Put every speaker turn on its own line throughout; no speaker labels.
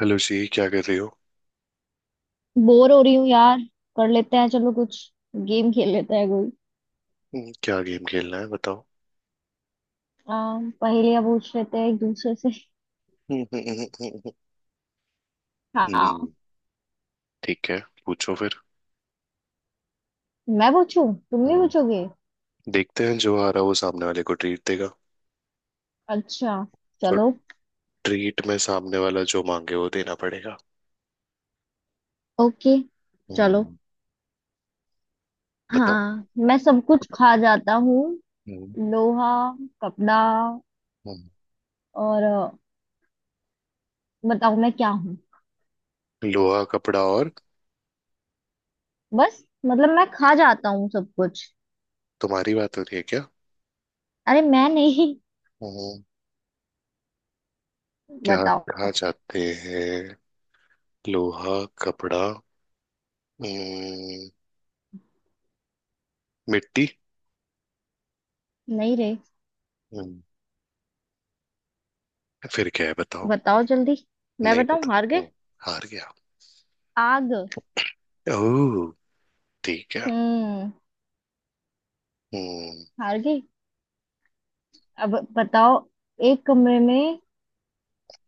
Hello जी, क्या कर रही हो?
बोर हो रही हूँ यार। कर लेते हैं चलो कुछ। गेम खेल लेते हैं कोई।
हम्म। क्या गेम खेलना है, बताओ?
पहेलियां पूछ लेते हैं एक दूसरे से।
हम्म।
हाँ,
ठीक है। पूछो फिर।
मैं पूछूं तुम भी
हम्म।
पूछोगे।
देखते हैं, जो आ रहा है वो सामने वाले को ट्रीट देगा।
अच्छा,
और
चलो।
ट्रीट में सामने वाला जो मांगे वो देना पड़ेगा।
ओके, चलो।
हम्म। बताओ।
हाँ, मैं सब कुछ खा जाता हूँ।
हम्म।
लोहा, कपड़ा
हम्म।
और बताओ मैं क्या हूँ।
लोहा, कपड़ा और?
बस मतलब मैं खा जाता हूँ सब कुछ।
तुम्हारी बात हो रही है क्या?
अरे, मैं नहीं।
हम्म। क्या?
बताओ।
खा जाते हैं लोहा, कपड़ा, हम्म, मिट्टी?
नहीं रे।
हम्म। फिर क्या है, बताओ?
बताओ जल्दी। मैं
नहीं
बताऊं,
पता।
हार गए?
हम्म। हार गया।
आग।
ओह, ठीक है।
हम्म।
हम्म।
हार गई। अब बताओ, एक कमरे में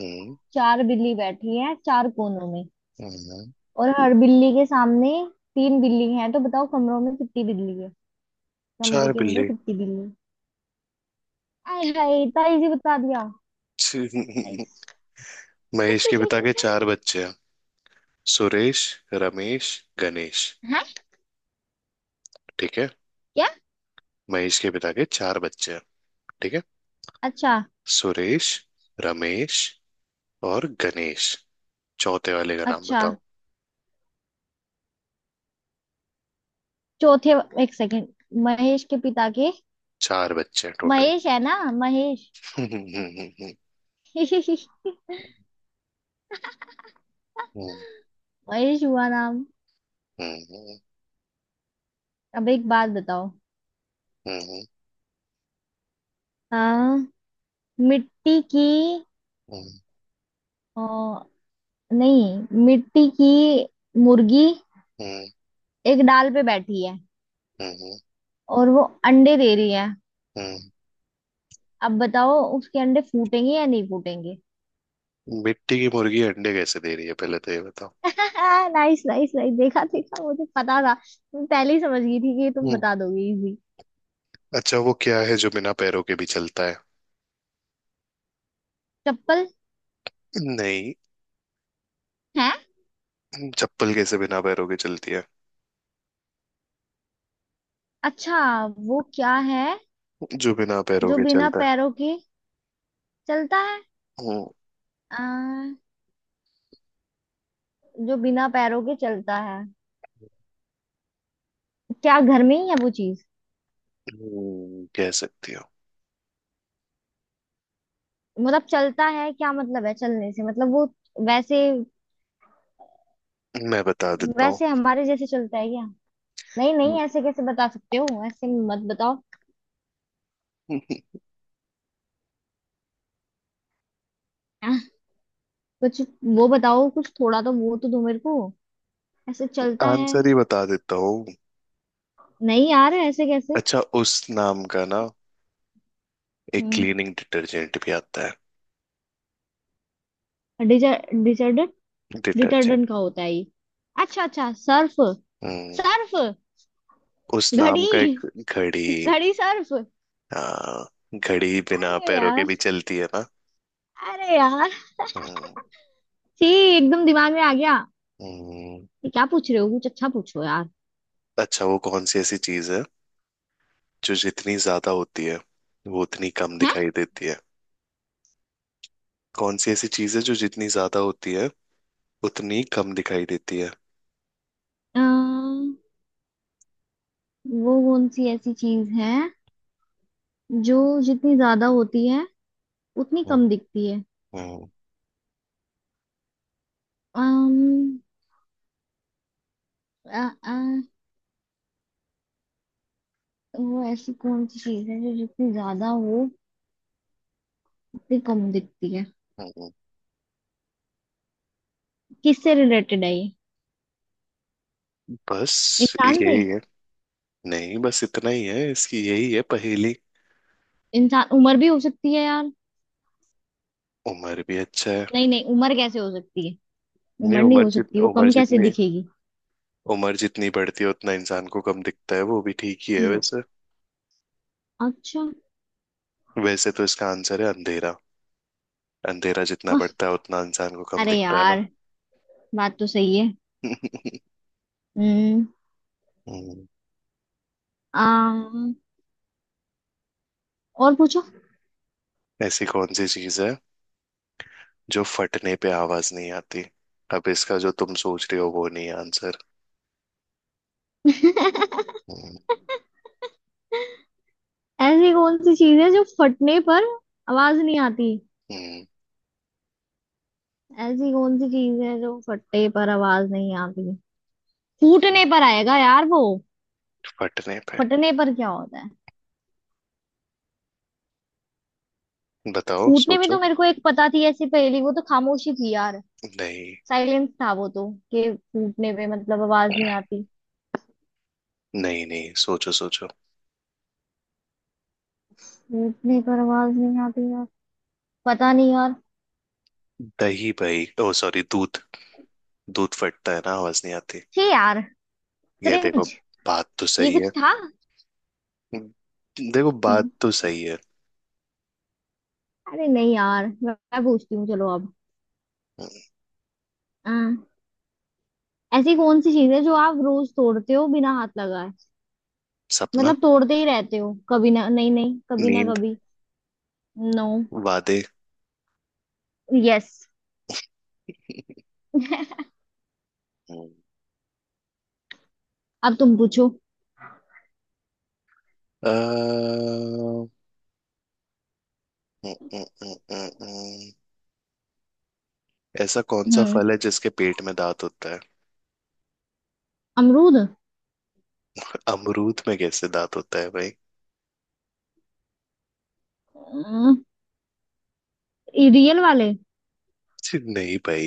हम्म।
चार बिल्ली बैठी है चार कोनों में,
हम्म।
और हर बिल्ली के सामने तीन बिल्ली हैं, तो बताओ कमरों में कितनी बिल्ली है? कमरे
चार
के अंदर
बिल्ली।
कितनी बिल्ली है? आय हाय, इतना इजी बता दिया।
छी-
नाइस।
महेश के पिता के चार बच्चे हैं। सुरेश, रमेश, गणेश।
है?
ठीक है।
क्या?
महेश के पिता के चार बच्चे हैं। ठीक है।
अच्छा।
सुरेश, रमेश और गणेश। चौथे वाले का नाम
अच्छा,
बताओ।
चौथे। एक सेकेंड। महेश के पिता के।
चार बच्चे हैं टोटल।
महेश है ना, महेश। महेश हुआ नाम। अब एक बात बताओ। हाँ। मिट्टी की अ, नहीं, मिट्टी की मुर्गी एक डाल पे बैठी है, और वो अंडे दे रही है। अब बताओ उसके अंडे फूटेंगे या नहीं फूटेंगे?
मिट्टी की मुर्गी अंडे कैसे दे रही है, पहले तो ये बताओ।
नाइस नाइस नाइस, देखा देखा, मुझे पता था। मैं पहले ही समझ गई थी कि तुम
हम्म।
बता दोगे इजी।
अच्छा, वो क्या है जो बिना पैरों के भी चलता है?
चप्पल।
नहीं।
है।
चप्पल कैसे बिना पैरों के चलती है?
अच्छा, वो क्या है
जो बिना पैरों
जो
के
बिना
चलता है।
पैरों के चलता है?
हम्म,
आ, जो बिना पैरों के चलता है। क्या घर में ही है वो चीज?
कह सकती हो।
मतलब चलता है, क्या मतलब है चलने से? मतलब वो वैसे,
मैं बता देता हूँ।
वैसे हमारे जैसे चलता है क्या? नहीं नहीं, ऐसे कैसे बता सकते हो? ऐसे मत बताओ। आह, कुछ वो बताओ, कुछ थोड़ा तो वो तो दो मेरे को। ऐसे चलता है।
आंसर ही बता देता हूँ।
नहीं यार, ऐसे कैसे?
अच्छा, उस नाम का ना एक
हम्म।
क्लीनिंग डिटर्जेंट भी आता है।
डिटर्डेंट।
डिटर्जेंट।
डिटर्डेंट का होता है ये? अच्छा अच्छा, सर्फ।
हम्म।
सर्फ।
उस नाम
घड़ी।
का एक। घड़ी।
घड़ी सर्फ।
हाँ। घड़ी बिना
अरे
पैरों के
यार।
भी चलती है ना?
अरे यार।
हम्म।
छी। एकदम दिमाग में आ गया।
हम्म।
ये क्या पूछ रहे हो, कुछ अच्छा पूछो यार।
अच्छा, वो कौन सी ऐसी चीज है जो जितनी ज्यादा होती है वो उतनी कम
है।
दिखाई देती है? कौन सी ऐसी चीज है जो जितनी ज्यादा होती है उतनी कम दिखाई देती है?
वो कौन सी ऐसी चीज है जो जितनी ज्यादा होती है उतनी
हम्म।
कम दिखती है?
हम्म।
अम्म, आ, आ, वो ऐसी कौन सी चीज है जो जितनी ज्यादा हो उतनी कम दिखती है?
हम्म।
किससे रिलेटेड है ये?
बस।
इंसान से।
यही है। नहीं, बस इतना ही है इसकी, यही है पहेली।
इंसान उम्र भी हो सकती है यार।
उम्र भी? अच्छा है।
नहीं नहीं, उम्र कैसे हो सकती है?
नहीं,
उम्र नहीं हो सकती, वो
उम्र
कम कैसे
जितनी।
दिखेगी?
उम्र जितनी बढ़ती है उतना इंसान को कम दिखता है, वो भी ठीक ही है
वो-
वैसे।
अच्छा।
वैसे तो इसका आंसर है अंधेरा। अंधेरा जितना
आह,
बढ़ता है उतना इंसान को कम
अरे
दिखता है ना।
यार, बात तो सही है। हम्म।
हम्म।
अम्म, और पूछो।
ऐसी कौन सी चीज है जो फटने पे आवाज नहीं आती? अब इसका जो तुम सोच रहे हो वो नहीं आंसर। हम्म।
ऐसी कौन सी चीज है जो फटने पर आवाज नहीं आती?
हम्म।
ऐसी कौन सी चीज है जो फटने पर आवाज नहीं आती? फूटने पर आएगा यार वो।
फटने पे।
फटने पर क्या होता है?
बताओ,
फूटने में
सोचो।
तो मेरे को एक पता थी ऐसी पहेली, वो तो खामोशी थी यार।
नहीं।
साइलेंस था वो तो, कि फूटने पे मतलब आवाज नहीं आती।
नहीं, नहीं, सोचो सोचो।
फूटने पर आवाज नहीं आती यार। पता नहीं यार।
दही भाई, ओ सॉरी, दूध। दूध फटता है ना, आवाज नहीं आती।
छे यार।
ये देखो।
क्रिंज।
बात तो
ये
सही
कुछ
है।
था।
हम्म, देखो, बात तो सही है।
अरे नहीं यार, मैं पूछती हूँ चलो अब।
हम्म।
अ, ऐसी कौन सी चीज है जो आप रोज तोड़ते हो बिना हाथ लगाए?
सपना।
मतलब तोड़ते ही रहते हो, कभी ना नहीं नहीं, कभी ना
नींद।
कभी। नो।
वादे।
यस।
हम्म,
अब तुम पूछो।
अ, हम्म, हम्म, हम्म, हम्म, हम्म। ऐसा कौन सा
हम्म।
फल है जिसके पेट में दांत होता है?
अमरूद।
अमरूद में कैसे दांत होता है भाई?
अम, ये रियल वाले।
छी, नहीं भाई।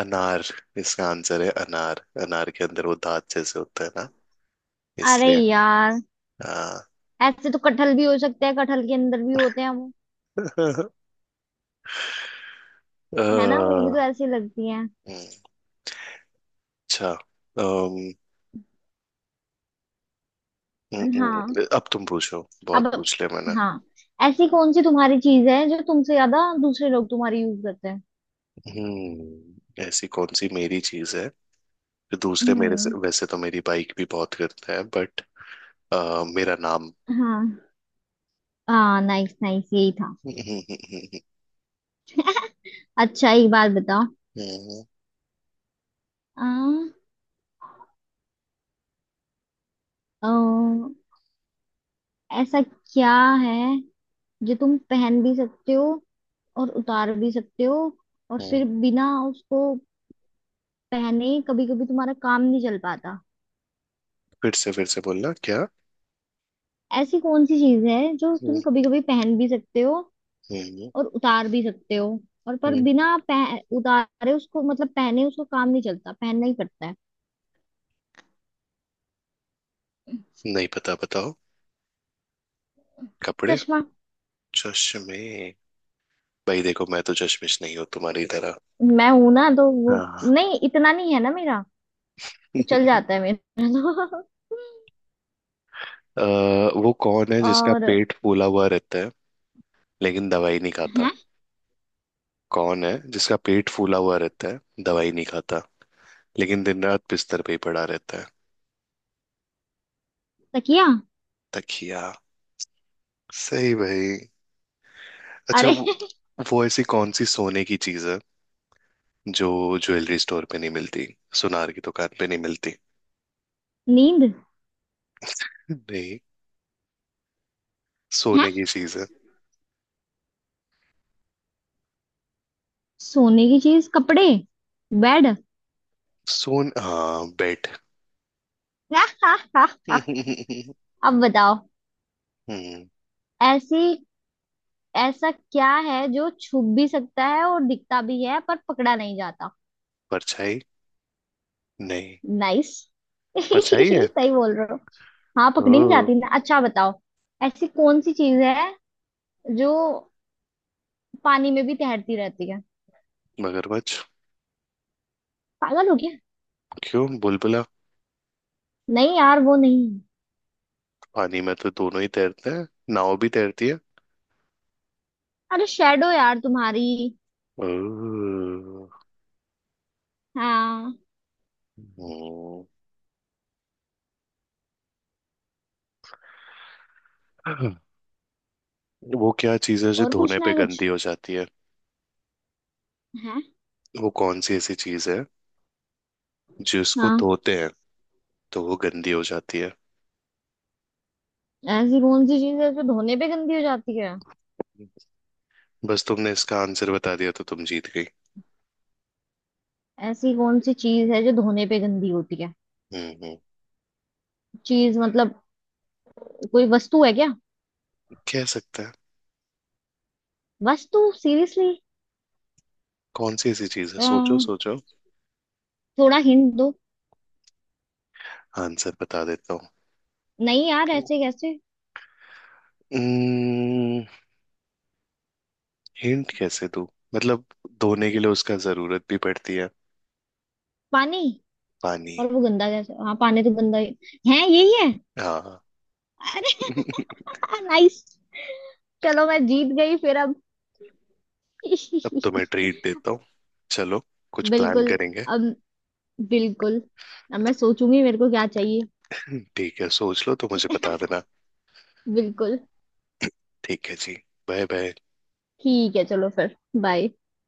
अनार। इसका आंसर है अनार। अनार के अंदर वो दांत जैसे होता है ना।
अरे
इसलिए।
यार,
हाँ।
ऐसे तो कटहल भी हो सकते हैं, कटहल के अंदर भी होते हैं वो।
अ,
है ना, वो भी तो
हम्म,
ऐसी लगती हैं।
अच्छा,
हाँ।
अब तुम पूछो,
अब।
बहुत पूछ लिया मैंने।
हाँ, ऐसी कौन सी तुम्हारी चीज है जो तुमसे ज्यादा दूसरे लोग तुम्हारी यूज करते हैं?
हम्म। ऐसी कौन सी मेरी चीज है जो दूसरे मेरे से?
हम्म।
वैसे तो मेरी बाइक भी बहुत करता है बट। मेरा नाम।
हाँ। हाँ, नाइस नाइस, यही था।
हम्म। हम्म।
अच्छा एक बात बताओ।
हम्म।
आ, आ, ऐसा क्या है जो तुम पहन भी सकते हो और उतार भी सकते हो, और
हम्म।
फिर बिना उसको पहने कभी कभी तुम्हारा काम नहीं चल पाता?
फिर से बोलना, क्या?
ऐसी कौन सी चीज है जो
हम्म।
तुम कभी कभी पहन भी सकते हो
हम्म।
और उतार भी सकते हो, और पर
हम्म।
बिना उतारे उसको, मतलब पहने उसको काम नहीं चलता, पहनना ही पड़ता है।
नहीं पता, बताओ। कपड़े।
चश्मा।
चश्मे। भाई देखो, मैं तो चश्मिश नहीं हूँ तुम्हारी तरह।
मैं हूं ना, तो वो
हाँ।
नहीं, इतना नहीं है ना मेरा, तो चल जाता है मेरा तो।
वो कौन है जिसका
और
पेट फूला हुआ रहता है, लेकिन दवाई नहीं
है।
खाता? कौन है जिसका पेट फूला हुआ रहता है, दवाई नहीं खाता, लेकिन दिन रात बिस्तर पे ही पड़ा रहता है?
तकिया।
तकिया। सही भाई। अच्छा,
अरे।
वो ऐसी कौन सी सोने की चीज है जो ज्वेलरी स्टोर पे नहीं मिलती, सुनार की दुकान पे नहीं मिलती?
नींद।
नहीं।
है
सोने की चीज है।
सोने की चीज, कपड़े, बेड।
सोन हाँ, बेड। हम्म।
अब बताओ, ऐसी ऐसा क्या है जो छुप भी सकता है और दिखता भी है, पर पकड़ा नहीं जाता?
परछाई। नहीं।
नाइस।
परछाई है।
सही बोल रहे हो। हाँ,
ओ।
पकड़ी नहीं जाती ना। अच्छा बताओ, ऐसी कौन सी चीज है जो पानी में भी तैरती रहती है?
मगरमच्छ।
पागल हो गया?
क्यों? बुलबुला।
नहीं यार, वो नहीं।
पानी में तो दोनों ही तैरते हैं। नाव भी तैरती है।
अरे शेडो यार तुम्हारी।
ओ,
हाँ।
हम्म। वो क्या चीज है जो
और
धोने
पूछना
पे
है कुछ?
गंदी हो जाती है?
है।
वो कौन सी ऐसी चीज है जिसको
हाँ,
धोते हैं तो वो गंदी हो जाती है?
ऐसी कौन सी चीज है जो धोने पे गंदी हो जाती है?
बस, तुमने इसका आंसर बता दिया तो तुम जीत गई।
ऐसी कौन सी चीज है जो धोने पे गंदी होती है?
हम्म। हम्म।
चीज मतलब, कोई वस्तु है क्या?
कह सकते हैं।
बस तू सीरियसली?
कौन सी ऐसी चीज है, सोचो सोचो।
थोड़ा हिंट दो।
आंसर बता देता हूँ।
नहीं यार, ऐसे कैसे?
हम्म। हिंट कैसे दूं? मतलब, धोने के लिए उसका जरूरत भी पड़ती है।
पानी।
पानी।
और वो गंदा कैसे? हाँ, पानी तो गंदा ही है, यही है।
हाँ।
अरे। नाइस। चलो मैं जीत गई फिर अब।
अब तो मैं ट्रीट देता हूँ। चलो, कुछ प्लान
बिल्कुल।
करेंगे।
अब, बिल्कुल। अब मैं सोचूंगी मेरे को क्या चाहिए।
ठीक है, सोच लो तो मुझे बता देना।
बिल्कुल।
ठीक है जी। Bye bye.
ठीक है चलो फिर। बाय।